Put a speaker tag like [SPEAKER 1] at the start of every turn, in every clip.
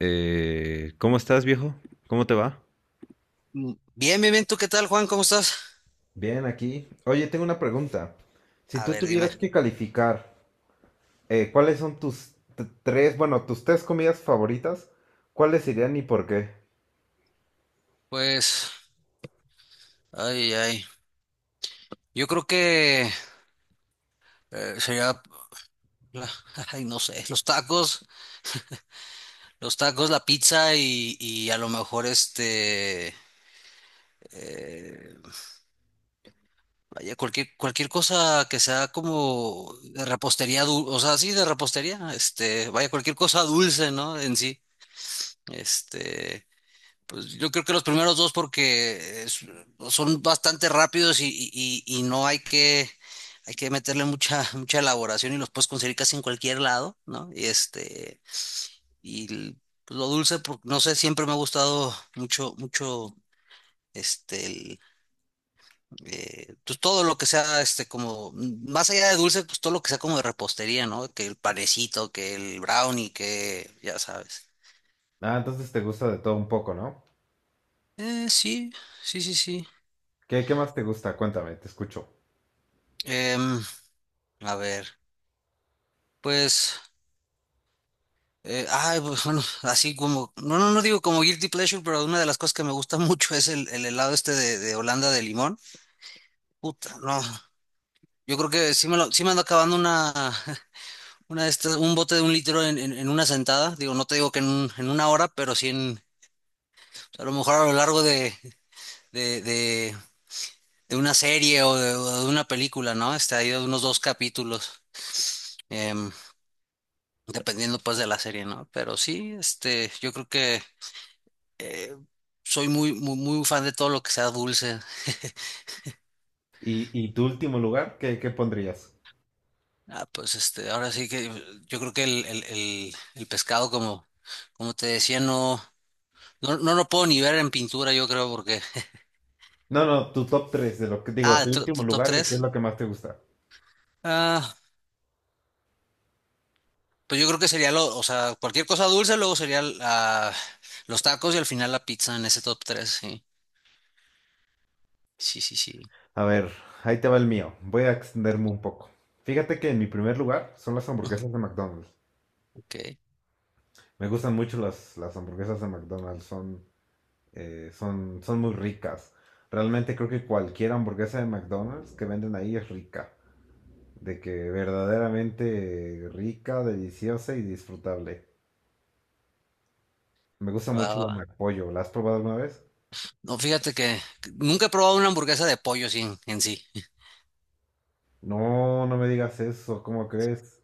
[SPEAKER 1] ¿cómo estás, viejo? ¿Cómo te va?
[SPEAKER 2] Bien, bien, bien. ¿Tú qué tal, Juan? ¿Cómo estás?
[SPEAKER 1] Bien, aquí. Oye, tengo una pregunta. Si
[SPEAKER 2] A
[SPEAKER 1] tú
[SPEAKER 2] ver, dime.
[SPEAKER 1] tuvieras que calificar, ¿cuáles son tus tres comidas favoritas? ¿Cuáles serían y por qué?
[SPEAKER 2] Pues, ay, ay. Yo creo que sería, la- ay, no sé, los tacos, la pizza y, a lo mejor este, eh, vaya, cualquier cosa que sea como de repostería, o sea, sí, de repostería, este, vaya, cualquier cosa dulce, ¿no? En sí, este. Pues yo creo que los primeros dos porque es- son bastante rápidos y no hay que, hay que meterle mucha, mucha elaboración y los puedes conseguir casi en cualquier lado, ¿no? Y este, y l- pues lo dulce, no sé, siempre me ha gustado mucho, mucho, este, el, pues todo lo que sea, este, como, mm, más allá de dulce, pues todo lo que sea como de repostería, ¿no? Que el panecito, que el brownie, que, ya sabes.
[SPEAKER 1] Ah, entonces te gusta de todo un poco, ¿no?
[SPEAKER 2] Sí, sí, sí, sí.
[SPEAKER 1] ¿Qué más te gusta? Cuéntame, te escucho.
[SPEAKER 2] Em, a ver, pues... ay, pues bueno, así como, no, no, no digo como guilty pleasure, pero una de las cosas que me gusta mucho es el helado este de Holanda de limón. Puta, no, yo creo que sí me lo, sí me ando acabando una, una de estas, un bote de un litro en una sentada. Digo, no te digo que en, en una hora, pero sí en, pues, a lo mejor a lo largo de, de, de, de una serie o de una película, ¿no? Este, hay unos dos capítulos, em, dependiendo pues de la serie, ¿no? Pero sí, este, yo creo que eh, soy muy, muy, muy fan de todo lo que sea dulce.
[SPEAKER 1] ¿Y tu último lugar? ¿Qué pondrías?
[SPEAKER 2] Ah, pues este, ahora sí que yo creo que el pescado, como, como te decía, no, no, no lo puedo ni ver en pintura, yo creo, porque.
[SPEAKER 1] No, no, tu top tres de lo que digo,
[SPEAKER 2] Ah,
[SPEAKER 1] tu último
[SPEAKER 2] top
[SPEAKER 1] lugar de qué es
[SPEAKER 2] tres.
[SPEAKER 1] lo que más te gusta.
[SPEAKER 2] Ah, pues yo creo que sería lo, o sea, cualquier cosa dulce, luego sería ah, los tacos y al final la pizza en ese top tres. Sí. Sí, sí, sí.
[SPEAKER 1] A ver, ahí te va el mío. Voy a extenderme un poco. Fíjate que en mi primer lugar son las
[SPEAKER 2] Ujú.
[SPEAKER 1] hamburguesas de McDonald's.
[SPEAKER 2] Ok.
[SPEAKER 1] Me gustan mucho las hamburguesas de McDonald's, son son muy ricas. Realmente creo que cualquier hamburguesa de McDonald's que venden ahí es rica. De que verdaderamente rica, deliciosa y disfrutable. Me gusta
[SPEAKER 2] Va,
[SPEAKER 1] mucho
[SPEAKER 2] va,
[SPEAKER 1] la
[SPEAKER 2] va.
[SPEAKER 1] McPollo. ¿La has probado alguna vez?
[SPEAKER 2] No, fíjate que nunca he probado una hamburguesa de pollo sin, en sí.
[SPEAKER 1] No, no me digas eso, ¿cómo crees?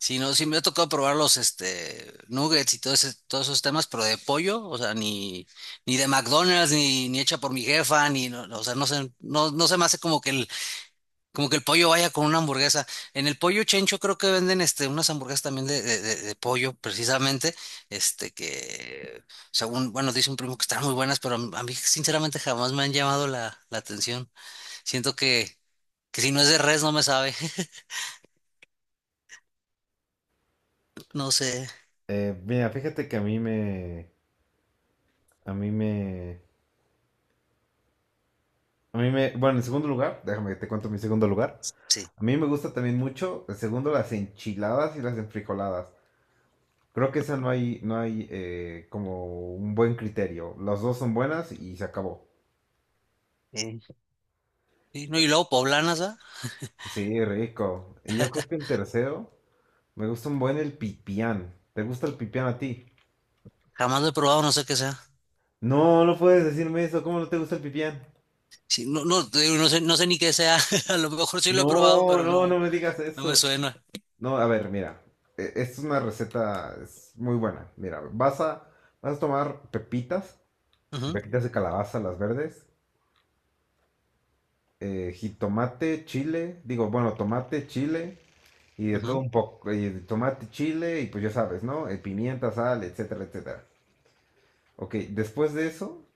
[SPEAKER 2] Sí, no, sí me ha tocado probar los este nuggets y todo todos esos temas, pero de pollo, o sea, ni, ni de McDonald's, ni, ni hecha por mi jefa, ni no, no, o sea, no sé, no, no se me hace como que el pollo vaya con una hamburguesa. En el pollo chencho creo que venden este unas hamburguesas también de, de pollo, precisamente, este que según, bueno, dice un primo que están muy buenas, pero a mí sinceramente jamás me han llamado la, la atención. Siento que si no es de res no me sabe, no sé,
[SPEAKER 1] Mira, fíjate que a mí me... A mí me... A mí me... Bueno, en segundo lugar, déjame que te cuento mi segundo lugar.
[SPEAKER 2] sí.
[SPEAKER 1] A mí me gusta también mucho, en segundo, las enchiladas y las enfrijoladas. Creo que esa no hay, no hay como un buen criterio. Las dos son buenas y se acabó.
[SPEAKER 2] Sí. Sí, no, y luego poblanas, ¿ah?
[SPEAKER 1] Sí, rico. Y yo creo que el tercero, me gusta un buen el pipián. ¿Te gusta el pipián a ti?
[SPEAKER 2] Jamás lo he probado, no sé qué sea.
[SPEAKER 1] No, no puedes decirme eso. ¿Cómo no te gusta el pipián?
[SPEAKER 2] Sí, no, no, te digo, no sé, no sé ni qué sea. A lo mejor sí lo he probado,
[SPEAKER 1] No,
[SPEAKER 2] pero
[SPEAKER 1] no, no
[SPEAKER 2] no,
[SPEAKER 1] me digas
[SPEAKER 2] no me
[SPEAKER 1] eso.
[SPEAKER 2] suena.
[SPEAKER 1] No, a ver, mira. Esta es una receta es muy buena. Mira, vas a tomar pepitas,
[SPEAKER 2] Ujú,
[SPEAKER 1] pepitas de calabaza, las verdes, jitomate, chile, digo, bueno, tomate, chile y de todo
[SPEAKER 2] ujú,
[SPEAKER 1] un poco, y de tomate, chile y pues ya sabes, ¿no? Pimienta, sal, etcétera, etcétera. Ok, después de eso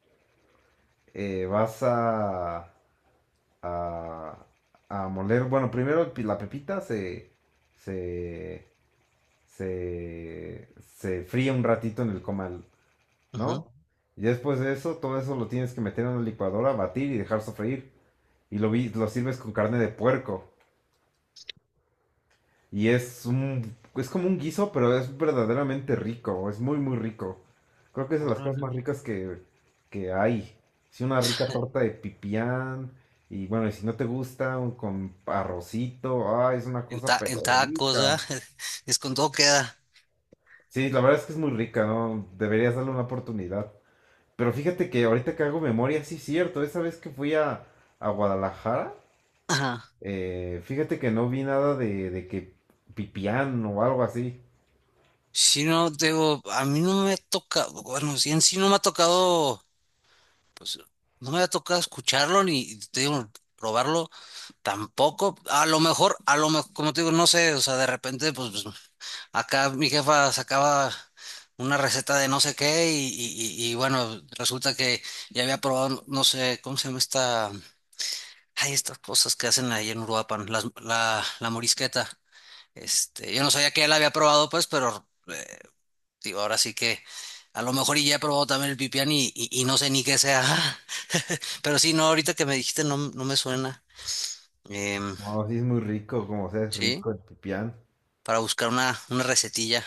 [SPEAKER 1] eh, vas a, a, a moler, bueno, primero la pepita se, se, se fríe un ratito en el comal,
[SPEAKER 2] ujú.
[SPEAKER 1] ¿no? Y después de eso, todo eso lo tienes que meter en una licuadora, batir y dejar sofreír. Y lo sirves con carne de puerco. Y es es como un guiso, pero es verdaderamente rico, es muy, muy rico. Creo que es de las cosas
[SPEAKER 2] Órale.
[SPEAKER 1] más ricas que hay. Sí, una rica torta de pipián, y bueno, y si no te gusta, con arrocito, ay, es una
[SPEAKER 2] En,
[SPEAKER 1] cosa
[SPEAKER 2] en
[SPEAKER 1] pero
[SPEAKER 2] tacos,
[SPEAKER 1] rica.
[SPEAKER 2] ¿ah? Es con todo queda.
[SPEAKER 1] Sí, la verdad es que es muy rica, ¿no? Deberías darle una oportunidad. Pero fíjate que ahorita que hago memoria, sí es cierto, esa vez que fui a Guadalajara,
[SPEAKER 2] Ajá.
[SPEAKER 1] fíjate que no vi nada de, de que pipián o algo así.
[SPEAKER 2] Sí, no, te digo, a mí no me toca, bueno, sí, en sí no me ha tocado, pues, no me ha tocado escucharlo ni, te digo, probarlo tampoco. A lo mejor, como te digo, no sé, o sea, de repente, pues, acá mi jefa sacaba una receta de no sé qué y bueno, resulta que ya había probado, no sé, ¿cómo se llama esta? Hay estas cosas que hacen ahí en Uruapan, la morisqueta. Este, yo no sabía que ya había probado, pues, pero digo, ahora sí que a lo mejor y ya he probado también el pipián y no sé ni qué sea. Pero sí, no, ahorita que me dijiste no, no me suena. Em,
[SPEAKER 1] No, sí es muy rico, como sea, es
[SPEAKER 2] sí,
[SPEAKER 1] rico el pipián.
[SPEAKER 2] para buscar una recetilla.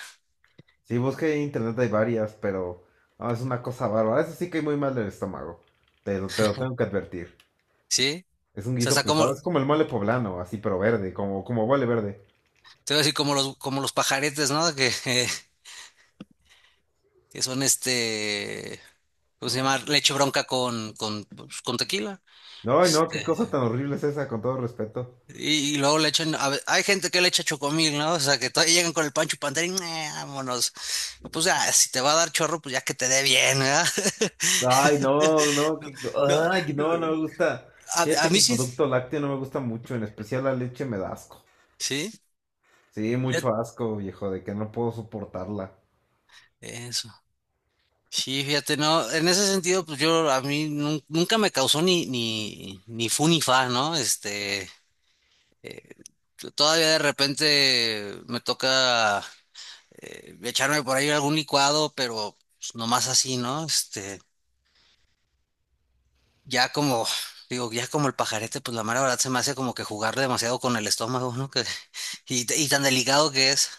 [SPEAKER 1] Sí, busqué en internet, hay varias, pero no, es una cosa bárbara. Eso sí que hay muy mal del estómago. Te lo tengo que advertir.
[SPEAKER 2] Sí.
[SPEAKER 1] Es un
[SPEAKER 2] O sea,
[SPEAKER 1] guiso
[SPEAKER 2] está como,
[SPEAKER 1] pesado, es como el mole poblano, así, pero verde, como, como mole verde.
[SPEAKER 2] se ve así como los pajaretes, ¿no? Que, que son este, ¿cómo se llama? Leche bronca con, pues, con tequila.
[SPEAKER 1] No, no, qué cosa
[SPEAKER 2] Este,
[SPEAKER 1] tan horrible es esa, con todo respeto.
[SPEAKER 2] y luego le echan, hay gente que le echa chocomil, ¿no? O sea, que todavía llegan con el pancho Pantera y "Nah, vámonos. Pues ya, si te va a dar chorro, pues ya que te dé bien, ¿verdad?
[SPEAKER 1] Ay, no, no,
[SPEAKER 2] No, no,
[SPEAKER 1] ay, no, no
[SPEAKER 2] no.
[SPEAKER 1] me gusta.
[SPEAKER 2] A
[SPEAKER 1] Fíjate que
[SPEAKER 2] mí
[SPEAKER 1] el
[SPEAKER 2] sí,
[SPEAKER 1] producto lácteo no me gusta mucho, en especial la leche me da asco.
[SPEAKER 2] sí,
[SPEAKER 1] Sí,
[SPEAKER 2] fíjate,
[SPEAKER 1] mucho asco, viejo, de que no puedo soportarla.
[SPEAKER 2] eso. Sí, fíjate, no, en ese sentido, pues yo, a mí nunca me causó ni, ni, ni fu ni fa, ¿no? Este, Eh, todavía de repente me toca echarme por ahí algún licuado, pero pues, nomás así, ¿no? Este, ya como, digo, ya como el pajarete, pues la mera verdad se me hace como que jugar demasiado con el estómago, ¿no? Que, y, y tan delicado que es.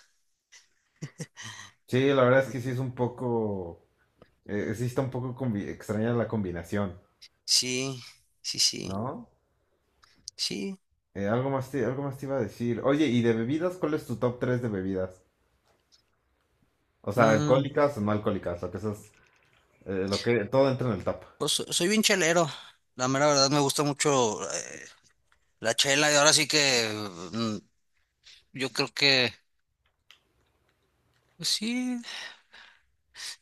[SPEAKER 1] Sí, la verdad es que sí es un poco. Sí está un poco extraña la combinación,
[SPEAKER 2] Sí, sí, sí,
[SPEAKER 1] ¿no?
[SPEAKER 2] sí.
[SPEAKER 1] Algo más te iba a decir. Oye, ¿y de bebidas? ¿Cuál es tu top 3 de bebidas? O sea,
[SPEAKER 2] Mm,
[SPEAKER 1] alcohólicas o no alcohólicas, lo que esas, lo que todo entra en el top.
[SPEAKER 2] pues soy bien chelero. La mera verdad me gusta mucho la chela y ahora sí que mm, yo creo que... Pues sí.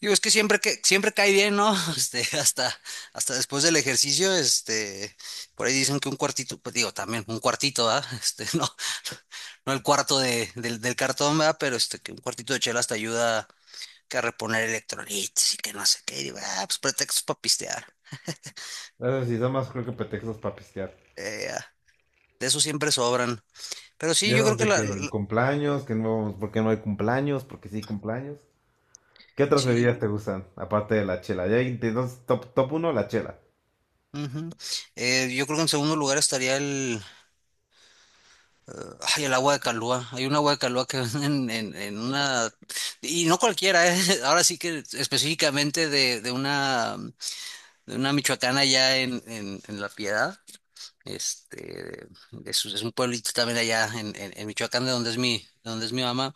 [SPEAKER 2] Digo, es que siempre cae bien, ¿no? Este, hasta, hasta después del ejercicio, este, por ahí dicen que un cuartito, pues digo, también un cuartito, ¿ah? Este, no, no el cuarto de, del cartón, ¿verdad? Pero este, que un cuartito de chela hasta ayuda que a reponer electrolitos y que no sé qué. Y digo, ah, pues pretextos para pistear.
[SPEAKER 1] Esas sí, nada más creo que pretextos para pistear.
[SPEAKER 2] Ya, de eso siempre sobran. Pero
[SPEAKER 1] Y
[SPEAKER 2] sí, yo creo
[SPEAKER 1] esos
[SPEAKER 2] que
[SPEAKER 1] de que
[SPEAKER 2] la,
[SPEAKER 1] el cumpleaños, que no, porque no hay cumpleaños, porque sí hay cumpleaños. ¿Qué otras
[SPEAKER 2] sí.
[SPEAKER 1] bebidas te gustan? Aparte de la chela. Entonces, top uno la chela.
[SPEAKER 2] Ujú. Yo creo que en segundo lugar estaría ay, el agua de Calúa. Hay un agua de Calúa que venden en una... Y no cualquiera, ¿eh? Ahora sí que específicamente de una michoacana allá en La Piedad. Este, es un pueblito también allá en Michoacán, de donde es mi, de donde es mi mamá.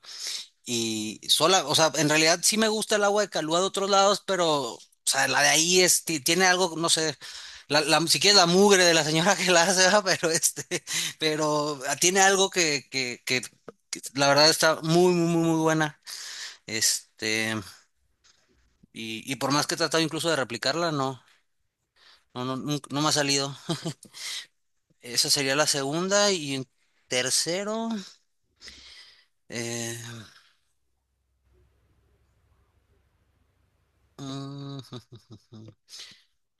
[SPEAKER 2] Y sola, o sea, en realidad sí me gusta el agua de Calúa de otros lados, pero, o sea, la de ahí es, tiene algo, no sé, la, si quieres la mugre de la señora que la hace, ¿verdad? Pero este, pero ah, tiene algo que la verdad está muy, muy, muy, muy buena. Este, y por más que he tratado incluso de replicarla, no, no, no, no me ha salido. Esa sería la segunda y en tercero, eh, mm,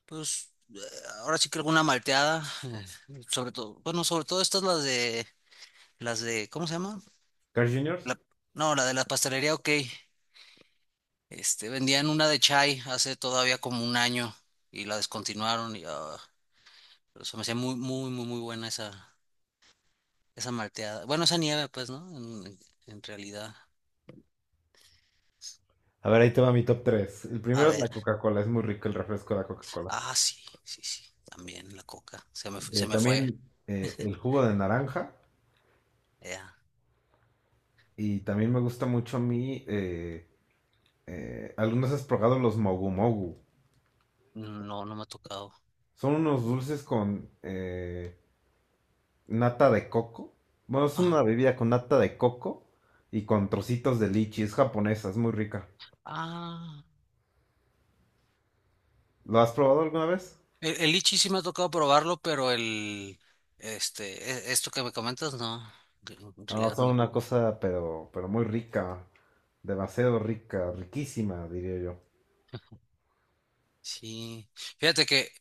[SPEAKER 2] pues ahora sí que alguna malteada, sobre todo, bueno, sobre todo estas las de, ¿cómo se llama?
[SPEAKER 1] Carl Juniors.
[SPEAKER 2] La- no, la de la pastelería, ok. Este, vendían una de chai hace todavía como 1 año y la descontinuaron y ah, pero se me hacía muy, muy, muy, muy buena esa, esa malteada. Bueno, esa nieve, pues, ¿no? En realidad.
[SPEAKER 1] A ver, ahí te va mi top 3. El
[SPEAKER 2] A
[SPEAKER 1] primero es la
[SPEAKER 2] ver,
[SPEAKER 1] Coca-Cola, es muy rico el refresco de la Coca-Cola.
[SPEAKER 2] ah, sí, sí, sí, también la coca, se me, se me fue.
[SPEAKER 1] También el jugo de naranja.
[SPEAKER 2] Ya.
[SPEAKER 1] Y también me gusta mucho a mí. ¿alguna has probado los mogu mogu?
[SPEAKER 2] No, no me ha tocado.
[SPEAKER 1] Son unos dulces con nata de coco. Bueno, es
[SPEAKER 2] Ajá.
[SPEAKER 1] una bebida con nata de coco y con trocitos de lichi. Es japonesa, es muy rica.
[SPEAKER 2] Ah.
[SPEAKER 1] ¿Lo has probado alguna vez?
[SPEAKER 2] El lichi sí me ha tocado probarlo, pero el, este, esto que me comentas, no, en
[SPEAKER 1] Ah,
[SPEAKER 2] realidad
[SPEAKER 1] son
[SPEAKER 2] no.
[SPEAKER 1] una cosa, pero muy rica. Demasiado rica, riquísima, diría yo.
[SPEAKER 2] Sí. Fíjate que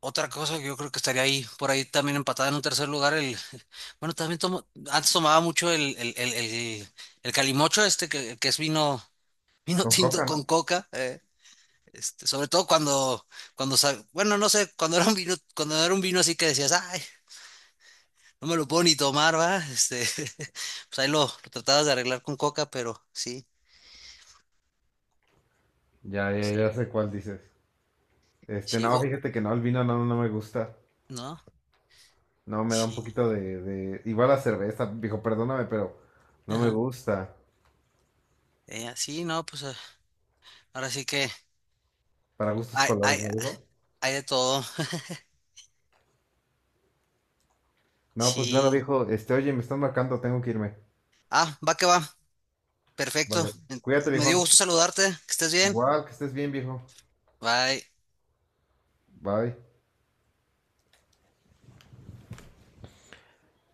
[SPEAKER 2] otra cosa que yo creo que estaría ahí, por ahí también empatada en un tercer lugar, el, bueno, también tomo, antes tomaba mucho el, el calimocho este, que es vino, vino
[SPEAKER 1] Con coca,
[SPEAKER 2] tinto
[SPEAKER 1] ¿no?
[SPEAKER 2] con coca, este, sobre todo cuando, cuando, bueno, no sé, cuando era un vino, cuando era un vino así que decías, ay. No me lo puedo ni tomar, ¿va? Este, pues ahí lo tratabas de arreglar con coca, pero sí,
[SPEAKER 1] Ya, ya,
[SPEAKER 2] sí,
[SPEAKER 1] ya sé cuál dices. Este,
[SPEAKER 2] sí,
[SPEAKER 1] no, fíjate que no, el vino no, no me gusta.
[SPEAKER 2] ¿no?
[SPEAKER 1] No, me da un
[SPEAKER 2] Sí,
[SPEAKER 1] poquito de... Igual la cerveza, viejo, perdóname, pero no me
[SPEAKER 2] ajá.
[SPEAKER 1] gusta.
[SPEAKER 2] Sí, no, pues ah, ahora sí que
[SPEAKER 1] Para gustos
[SPEAKER 2] hay,
[SPEAKER 1] colores, ¿no, viejo?
[SPEAKER 2] hay de todo.
[SPEAKER 1] No, pues bueno,
[SPEAKER 2] Sí.
[SPEAKER 1] viejo, este, oye, me están marcando, tengo que irme.
[SPEAKER 2] Ah, va que va. Perfecto.
[SPEAKER 1] Vale. Cuídate,
[SPEAKER 2] Me dio
[SPEAKER 1] viejo.
[SPEAKER 2] gusto saludarte. Que estés bien.
[SPEAKER 1] Igual, que estés bien, viejo.
[SPEAKER 2] Bye.
[SPEAKER 1] Bye.